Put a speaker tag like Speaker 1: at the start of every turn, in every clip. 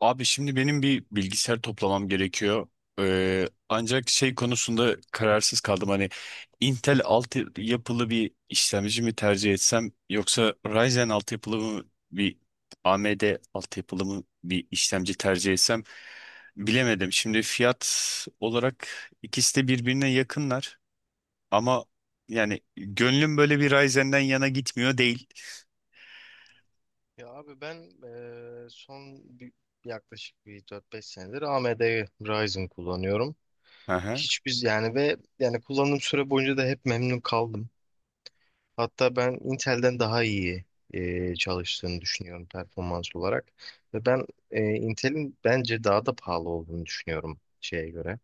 Speaker 1: Abi şimdi benim bir bilgisayar toplamam gerekiyor. Ancak şey konusunda kararsız kaldım. Hani Intel altı yapılı bir işlemci mi tercih etsem yoksa Ryzen altı yapılı mı bir AMD altı yapılı mı bir işlemci tercih etsem bilemedim. Şimdi fiyat olarak ikisi de birbirine yakınlar ama yani gönlüm böyle bir Ryzen'den yana gitmiyor değil.
Speaker 2: Ya abi ben yaklaşık bir 4-5 senedir AMD Ryzen kullanıyorum.
Speaker 1: Aha.
Speaker 2: Hiç biz yani ve yani kullandığım süre boyunca da hep memnun kaldım. Hatta ben Intel'den daha iyi çalıştığını düşünüyorum performans olarak. Ve ben Intel'in bence daha da pahalı olduğunu düşünüyorum şeye göre,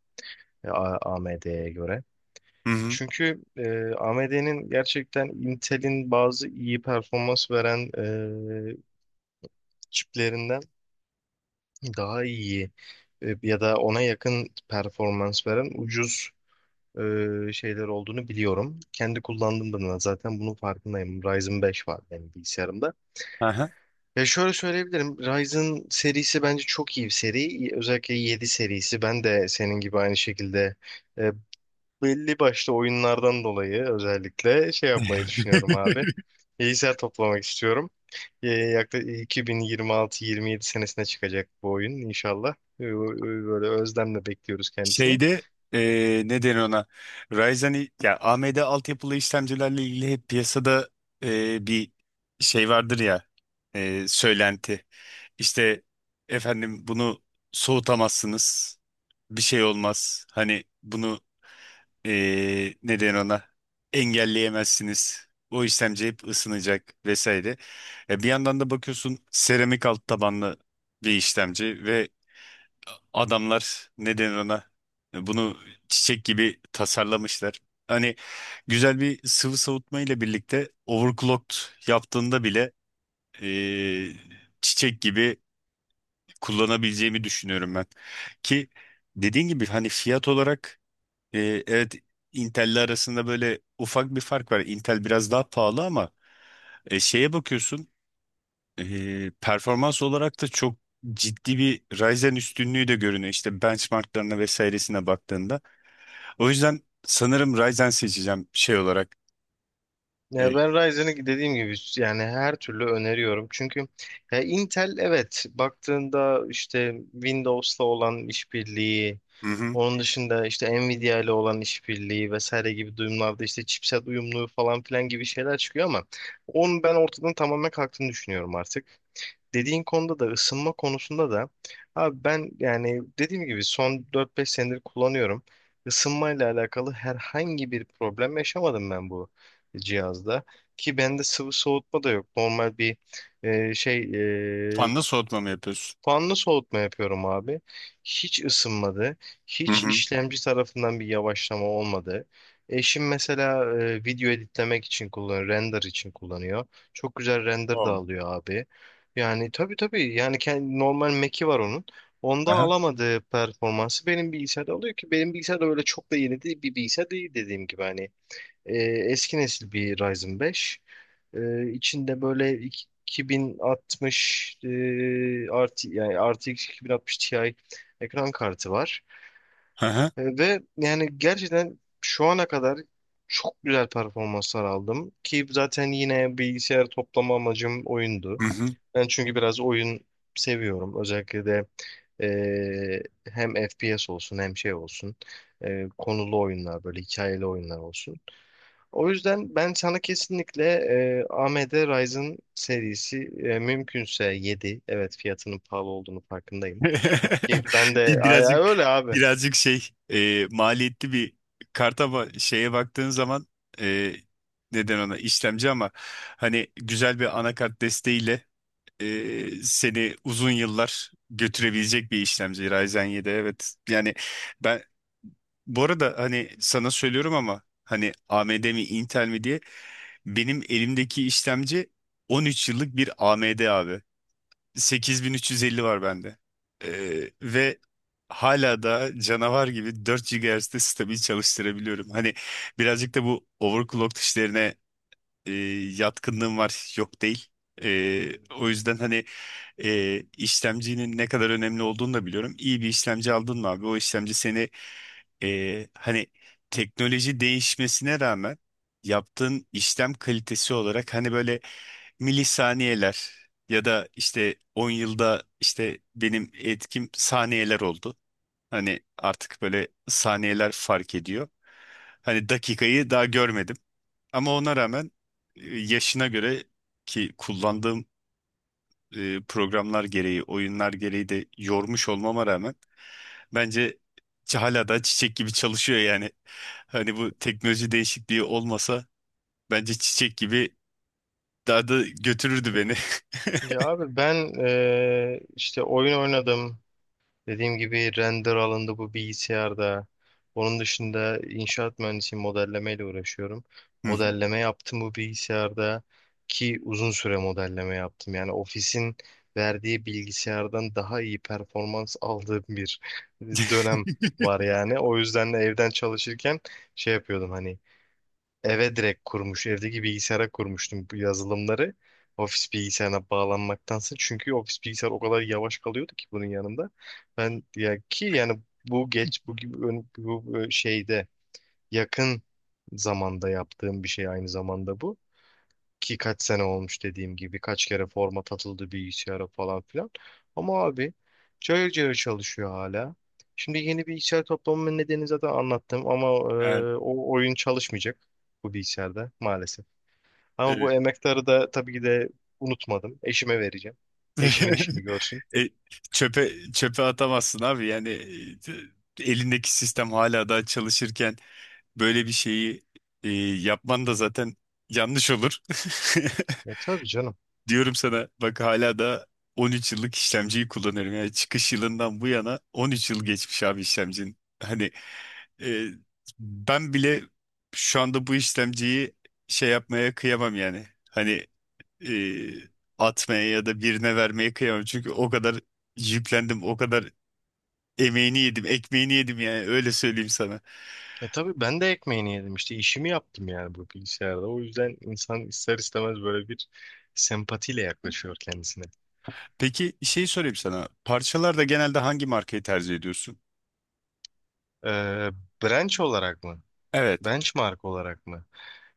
Speaker 2: AMD'ye göre.
Speaker 1: Hı
Speaker 2: Çünkü AMD'nin gerçekten Intel'in bazı iyi performans veren çiplerinden daha iyi ya da ona yakın performans veren ucuz şeyler olduğunu biliyorum. Kendi kullandığımda da zaten bunun farkındayım. Ryzen 5 var benim bilgisayarımda.
Speaker 1: hı.
Speaker 2: Ya şöyle söyleyebilirim. Ryzen serisi bence çok iyi bir seri. Özellikle 7 serisi. Ben de senin gibi aynı şekilde e, belli başlı oyunlardan dolayı özellikle şey yapmayı düşünüyorum abi. Bilgisayar toplamak istiyorum. Yaklaşık 2026-27 senesine çıkacak bu oyun inşallah. Böyle özlemle bekliyoruz kendisini.
Speaker 1: Şeyde ne denir ona? Ryzen ya AMD altyapılı işlemcilerle ilgili hep piyasada bir şey vardır ya, söylenti. İşte efendim bunu soğutamazsınız. Bir şey olmaz. Hani bunu ne denir ona? Engelleyemezsiniz. O işlemci hep ısınacak vesaire. Bir yandan da bakıyorsun seramik alt tabanlı bir işlemci ve adamlar ne denir ona bunu çiçek gibi tasarlamışlar. Hani güzel bir sıvı soğutma ile birlikte overclocked yaptığında bile eee, çiçek gibi kullanabileceğimi düşünüyorum ben. Ki dediğin gibi hani fiyat olarak, evet, Intel'le arasında böyle ufak bir fark var. Intel biraz daha pahalı ama şeye bakıyorsun, performans olarak da çok ciddi bir Ryzen üstünlüğü de görünüyor. İşte benchmarklarına vesairesine baktığında. O yüzden sanırım Ryzen seçeceğim şey olarak.
Speaker 2: Ya
Speaker 1: Ee,
Speaker 2: ben Ryzen'i dediğim gibi yani her türlü öneriyorum. Çünkü ya Intel evet baktığında işte Windows'la olan işbirliği,
Speaker 1: hı hı.
Speaker 2: onun dışında işte Nvidia ile olan işbirliği vesaire gibi durumlarda işte chipset uyumluluğu falan filan gibi şeyler çıkıyor ama onun ben ortadan tamamen kalktığını düşünüyorum artık. Dediğin konuda da ısınma konusunda da abi ben yani dediğim gibi son 4-5 senedir kullanıyorum. Isınmayla alakalı herhangi bir problem yaşamadım ben bu cihazda. Ki bende sıvı soğutma da yok. Normal bir e, şey e,
Speaker 1: Fanda soğutma mı yapıyorsun?
Speaker 2: fanlı soğutma yapıyorum abi. Hiç ısınmadı.
Speaker 1: Hı
Speaker 2: Hiç
Speaker 1: hı.
Speaker 2: işlemci tarafından bir yavaşlama olmadı. Eşim mesela video editlemek için kullanıyor, render için kullanıyor. Çok güzel render da
Speaker 1: O.
Speaker 2: alıyor abi. Yani tabii tabii yani kendi, normal Mac'i var onun. Onda
Speaker 1: Aha.
Speaker 2: alamadığı performansı benim bilgisayarda alıyor ki benim bilgisayar da öyle çok da yeni değil bir bilgisayar değil dediğim gibi hani eski nesil bir Ryzen 5. İçinde böyle 2060 artı yani RTX 2060 Ti ekran kartı var.
Speaker 1: Aha.
Speaker 2: Ve yani gerçekten şu ana kadar çok güzel performanslar aldım ki zaten yine bilgisayar toplama amacım oyundu.
Speaker 1: Hı hı.
Speaker 2: Ben çünkü biraz oyun seviyorum. Özellikle de hem FPS olsun hem şey olsun. Konulu oyunlar böyle hikayeli oyunlar olsun. O yüzden ben sana kesinlikle AMD Ryzen serisi mümkünse 7, evet fiyatının pahalı olduğunu farkındayım. Ki ben de ay, ay,
Speaker 1: Birazcık
Speaker 2: öyle abi.
Speaker 1: şey, maliyetli bir kart ama şeye baktığın zaman, e, neden ona işlemci ama hani güzel bir anakart desteğiyle seni uzun yıllar götürebilecek bir işlemci Ryzen 7, evet. Yani ben bu arada hani sana söylüyorum ama hani AMD mi Intel mi diye, benim elimdeki işlemci 13 yıllık bir AMD abi. 8350 var bende. E, Ve hala da canavar gibi 4 GHz'de stabil çalıştırabiliyorum. Hani birazcık da bu overclock işlerine e, yatkınlığım var, yok değil. E, O yüzden hani işlemcinin ne kadar önemli olduğunu da biliyorum. İyi bir işlemci aldın mı abi? O işlemci seni, hani, teknoloji değişmesine rağmen yaptığın işlem kalitesi olarak hani böyle milisaniyeler ya da işte 10 yılda işte benim etkim saniyeler oldu. Hani artık böyle saniyeler fark ediyor. Hani dakikayı daha görmedim. Ama ona rağmen, yaşına göre, ki kullandığım, programlar gereği, oyunlar gereği de yormuş olmama rağmen, bence hala da çiçek gibi çalışıyor yani. Hani bu teknoloji değişikliği olmasa bence çiçek gibi daha da götürürdü beni.
Speaker 2: Ya abi ben işte oyun oynadım. Dediğim gibi render alındı bu bilgisayarda. Onun dışında inşaat mühendisiyim, modellemeyle uğraşıyorum.
Speaker 1: Hı hı.
Speaker 2: Modelleme yaptım bu bilgisayarda ki uzun süre modelleme yaptım. Yani ofisin verdiği bilgisayardan daha iyi performans aldığım bir dönem var yani. O yüzden de evden çalışırken şey yapıyordum hani eve direkt kurmuş. Evdeki bilgisayara kurmuştum bu yazılımları. Ofis bilgisayarına bağlanmaktansa. Çünkü ofis bilgisayar o kadar yavaş kalıyordu ki bunun yanında. Ben ya ki yani bu geç bu gibi ön- bu bu şeyde yakın zamanda yaptığım bir şey aynı zamanda bu ki kaç sene olmuş dediğim gibi kaç kere format atıldı bilgisayara falan filan. Ama abi cayır cayır çalışıyor hala. Şimdi yeni bilgisayar toplamamın nedeni zaten anlattım ama
Speaker 1: Evet,
Speaker 2: o oyun çalışmayacak bu bilgisayarda maalesef. Ama bu
Speaker 1: evet.
Speaker 2: emektarı da tabii ki de unutmadım. Eşime vereceğim. Eşimin işini görsün.
Speaker 1: E, çöpe atamazsın abi yani, elindeki sistem hala daha çalışırken böyle bir şeyi, yapman da zaten yanlış olur.
Speaker 2: E tabii canım.
Speaker 1: Diyorum sana, bak, hala da 13 yıllık işlemciyi kullanıyorum. Yani çıkış yılından bu yana 13 yıl geçmiş abi işlemcinin. Hani, e, ben bile şu anda bu işlemciyi şey yapmaya kıyamam yani. Hani e, atmaya ya da birine vermeye kıyamam. Çünkü o kadar yüklendim, o kadar emeğini yedim, ekmeğini yedim yani, öyle söyleyeyim sana.
Speaker 2: E tabii ben de ekmeğini yedim işte işimi yaptım yani bu bilgisayarda. O yüzden insan ister istemez böyle bir sempatiyle yaklaşıyor kendisine.
Speaker 1: Peki şey sorayım sana. Parçalarda genelde hangi markayı tercih ediyorsun?
Speaker 2: Ee, branch olarak mı?
Speaker 1: Evet,
Speaker 2: Benchmark olarak mı?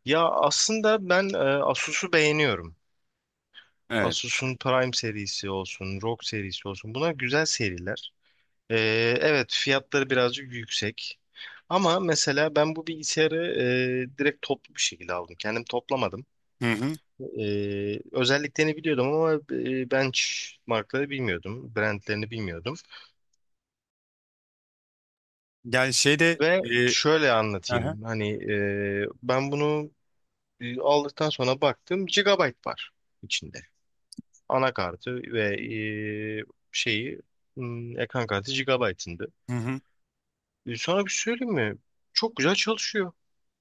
Speaker 2: Ya aslında ben Asus'u beğeniyorum.
Speaker 1: evet.
Speaker 2: Asus'un Prime serisi olsun, ROG serisi olsun. Bunlar güzel seriler. E, evet fiyatları birazcık yüksek. Ama mesela ben bu bilgisayarı direkt toplu bir şekilde aldım. Kendim toplamadım.
Speaker 1: Hı hı.
Speaker 2: E, Özelliklerini biliyordum ama benchmarkları bilmiyordum. Brandlerini bilmiyordum.
Speaker 1: Yani şeyde,
Speaker 2: Ve
Speaker 1: e,
Speaker 2: şöyle
Speaker 1: aha.
Speaker 2: anlatayım. Hani ben bunu aldıktan sonra baktım. Gigabyte var içinde, anakartı ve e, şeyi ekran kartı GB'ındı.
Speaker 1: Hı hı.
Speaker 2: Sana bir şey söyleyeyim mi? Çok güzel çalışıyor.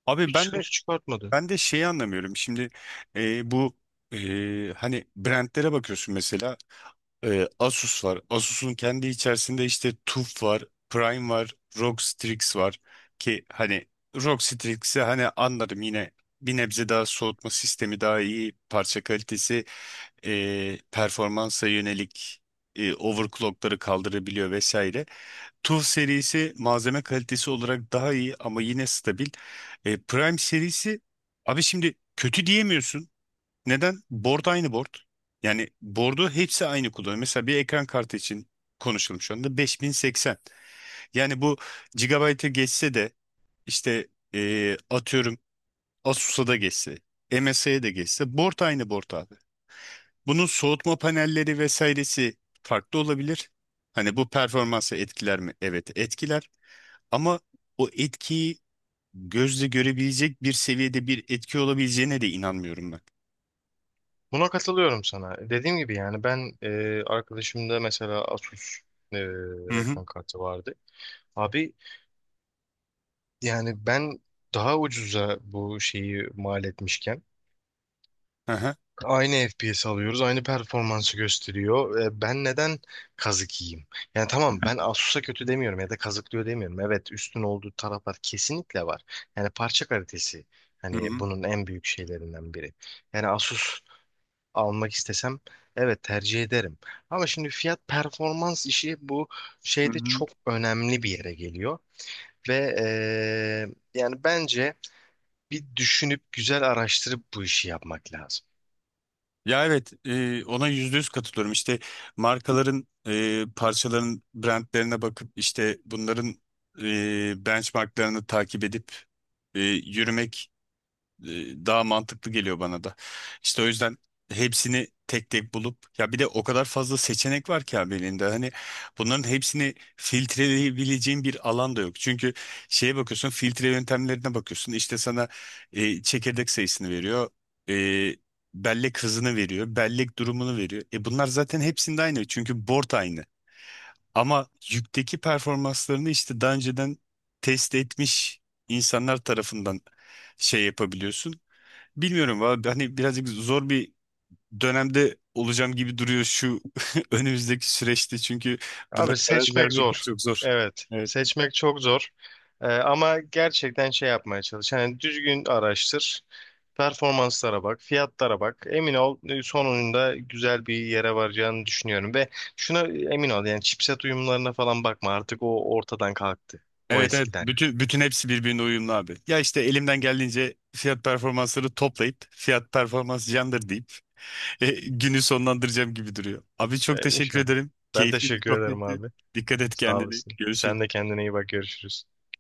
Speaker 1: Abi
Speaker 2: Hiç
Speaker 1: ben de,
Speaker 2: sıkıntı çıkartmadı.
Speaker 1: şeyi anlamıyorum. Şimdi, bu, hani brandlere bakıyorsun, mesela, Asus var. Asus'un kendi içerisinde işte TUF var, Prime var, ROG Strix var. Ki hani ROG Strix'i hani anlarım yine, bir nebze daha soğutma sistemi daha iyi, parça kalitesi, performansa yönelik overclockları kaldırabiliyor vesaire. TUF serisi malzeme kalitesi olarak daha iyi ama yine stabil. Prime serisi, abi şimdi kötü diyemiyorsun. Neden? Board aynı board. Yani board'u hepsi aynı kullanıyor. Mesela bir ekran kartı için konuşalım şu anda 5080. Yani bu gigabyte'e geçse de, işte, atıyorum, Asus'a da geçse, MSI'ye de geçse, board aynı board abi. Bunun soğutma panelleri vesairesi farklı olabilir. Hani bu performansı etkiler mi? Evet, etkiler. Ama o etkiyi gözle görebilecek bir seviyede bir etki olabileceğine de inanmıyorum ben.
Speaker 2: Buna katılıyorum sana. Dediğim gibi yani ben arkadaşımda mesela Asus e,
Speaker 1: Hı hı.
Speaker 2: ekran kartı vardı. Abi yani ben daha ucuza bu şeyi mal etmişken
Speaker 1: Hı hı.
Speaker 2: aynı FPS alıyoruz, aynı performansı gösteriyor. Ben neden kazık yiyeyim? Yani tamam ben Asus'a kötü demiyorum ya da kazıklıyor demiyorum. Evet üstün olduğu taraflar kesinlikle var. Yani parça kalitesi
Speaker 1: Hı
Speaker 2: hani
Speaker 1: hı.
Speaker 2: bunun en büyük şeylerinden biri. Yani Asus almak istesem evet tercih ederim. Ama şimdi fiyat performans işi bu
Speaker 1: Hı
Speaker 2: şeyde
Speaker 1: hı.
Speaker 2: çok önemli bir yere geliyor. Ve yani bence bir düşünüp güzel araştırıp bu işi yapmak lazım.
Speaker 1: Ya evet, ona %100 katılıyorum. İşte markaların, parçaların brandlerine bakıp işte bunların, benchmarklarını takip edip, yürümek, daha mantıklı geliyor bana da. İşte o yüzden hepsini tek tek bulup, ya bir de o kadar fazla seçenek var ki abi elinde. Hani bunların hepsini filtreleyebileceğin bir alan da yok. Çünkü şeye bakıyorsun, filtre yöntemlerine bakıyorsun. İşte sana çekirdek sayısını veriyor. E, Bellek hızını veriyor. Bellek durumunu veriyor. Bunlar zaten hepsinde aynı. Çünkü board aynı. Ama yükteki performanslarını işte daha önceden test etmiş insanlar tarafından şey yapabiliyorsun. Bilmiyorum valla, hani birazcık zor bir dönemde olacağım gibi duruyor şu önümüzdeki süreçte, çünkü buna
Speaker 2: Abi
Speaker 1: karar
Speaker 2: seçmek
Speaker 1: vermek de
Speaker 2: zor.
Speaker 1: çok zor.
Speaker 2: Evet.
Speaker 1: Evet.
Speaker 2: Seçmek çok zor. Ama gerçekten şey yapmaya çalış. Hani düzgün araştır. Performanslara bak, fiyatlara bak. Emin ol sonunda güzel bir yere varacağını düşünüyorum. Ve şuna emin ol yani chipset uyumlarına falan bakma. Artık o ortadan kalktı. O
Speaker 1: Evet, evet,
Speaker 2: eskiden.
Speaker 1: bütün hepsi birbirine uyumlu abi. Ya işte elimden geldiğince fiyat performansları toplayıp fiyat performans candır deyip günü sonlandıracağım gibi duruyor. Abi çok teşekkür
Speaker 2: İnşallah.
Speaker 1: ederim.
Speaker 2: Ben
Speaker 1: Keyifli bir
Speaker 2: teşekkür ederim
Speaker 1: sohbetti.
Speaker 2: abi.
Speaker 1: Dikkat et
Speaker 2: Sağ
Speaker 1: kendine.
Speaker 2: olasın. Sen de
Speaker 1: Görüşürüz.
Speaker 2: kendine iyi bak. Görüşürüz.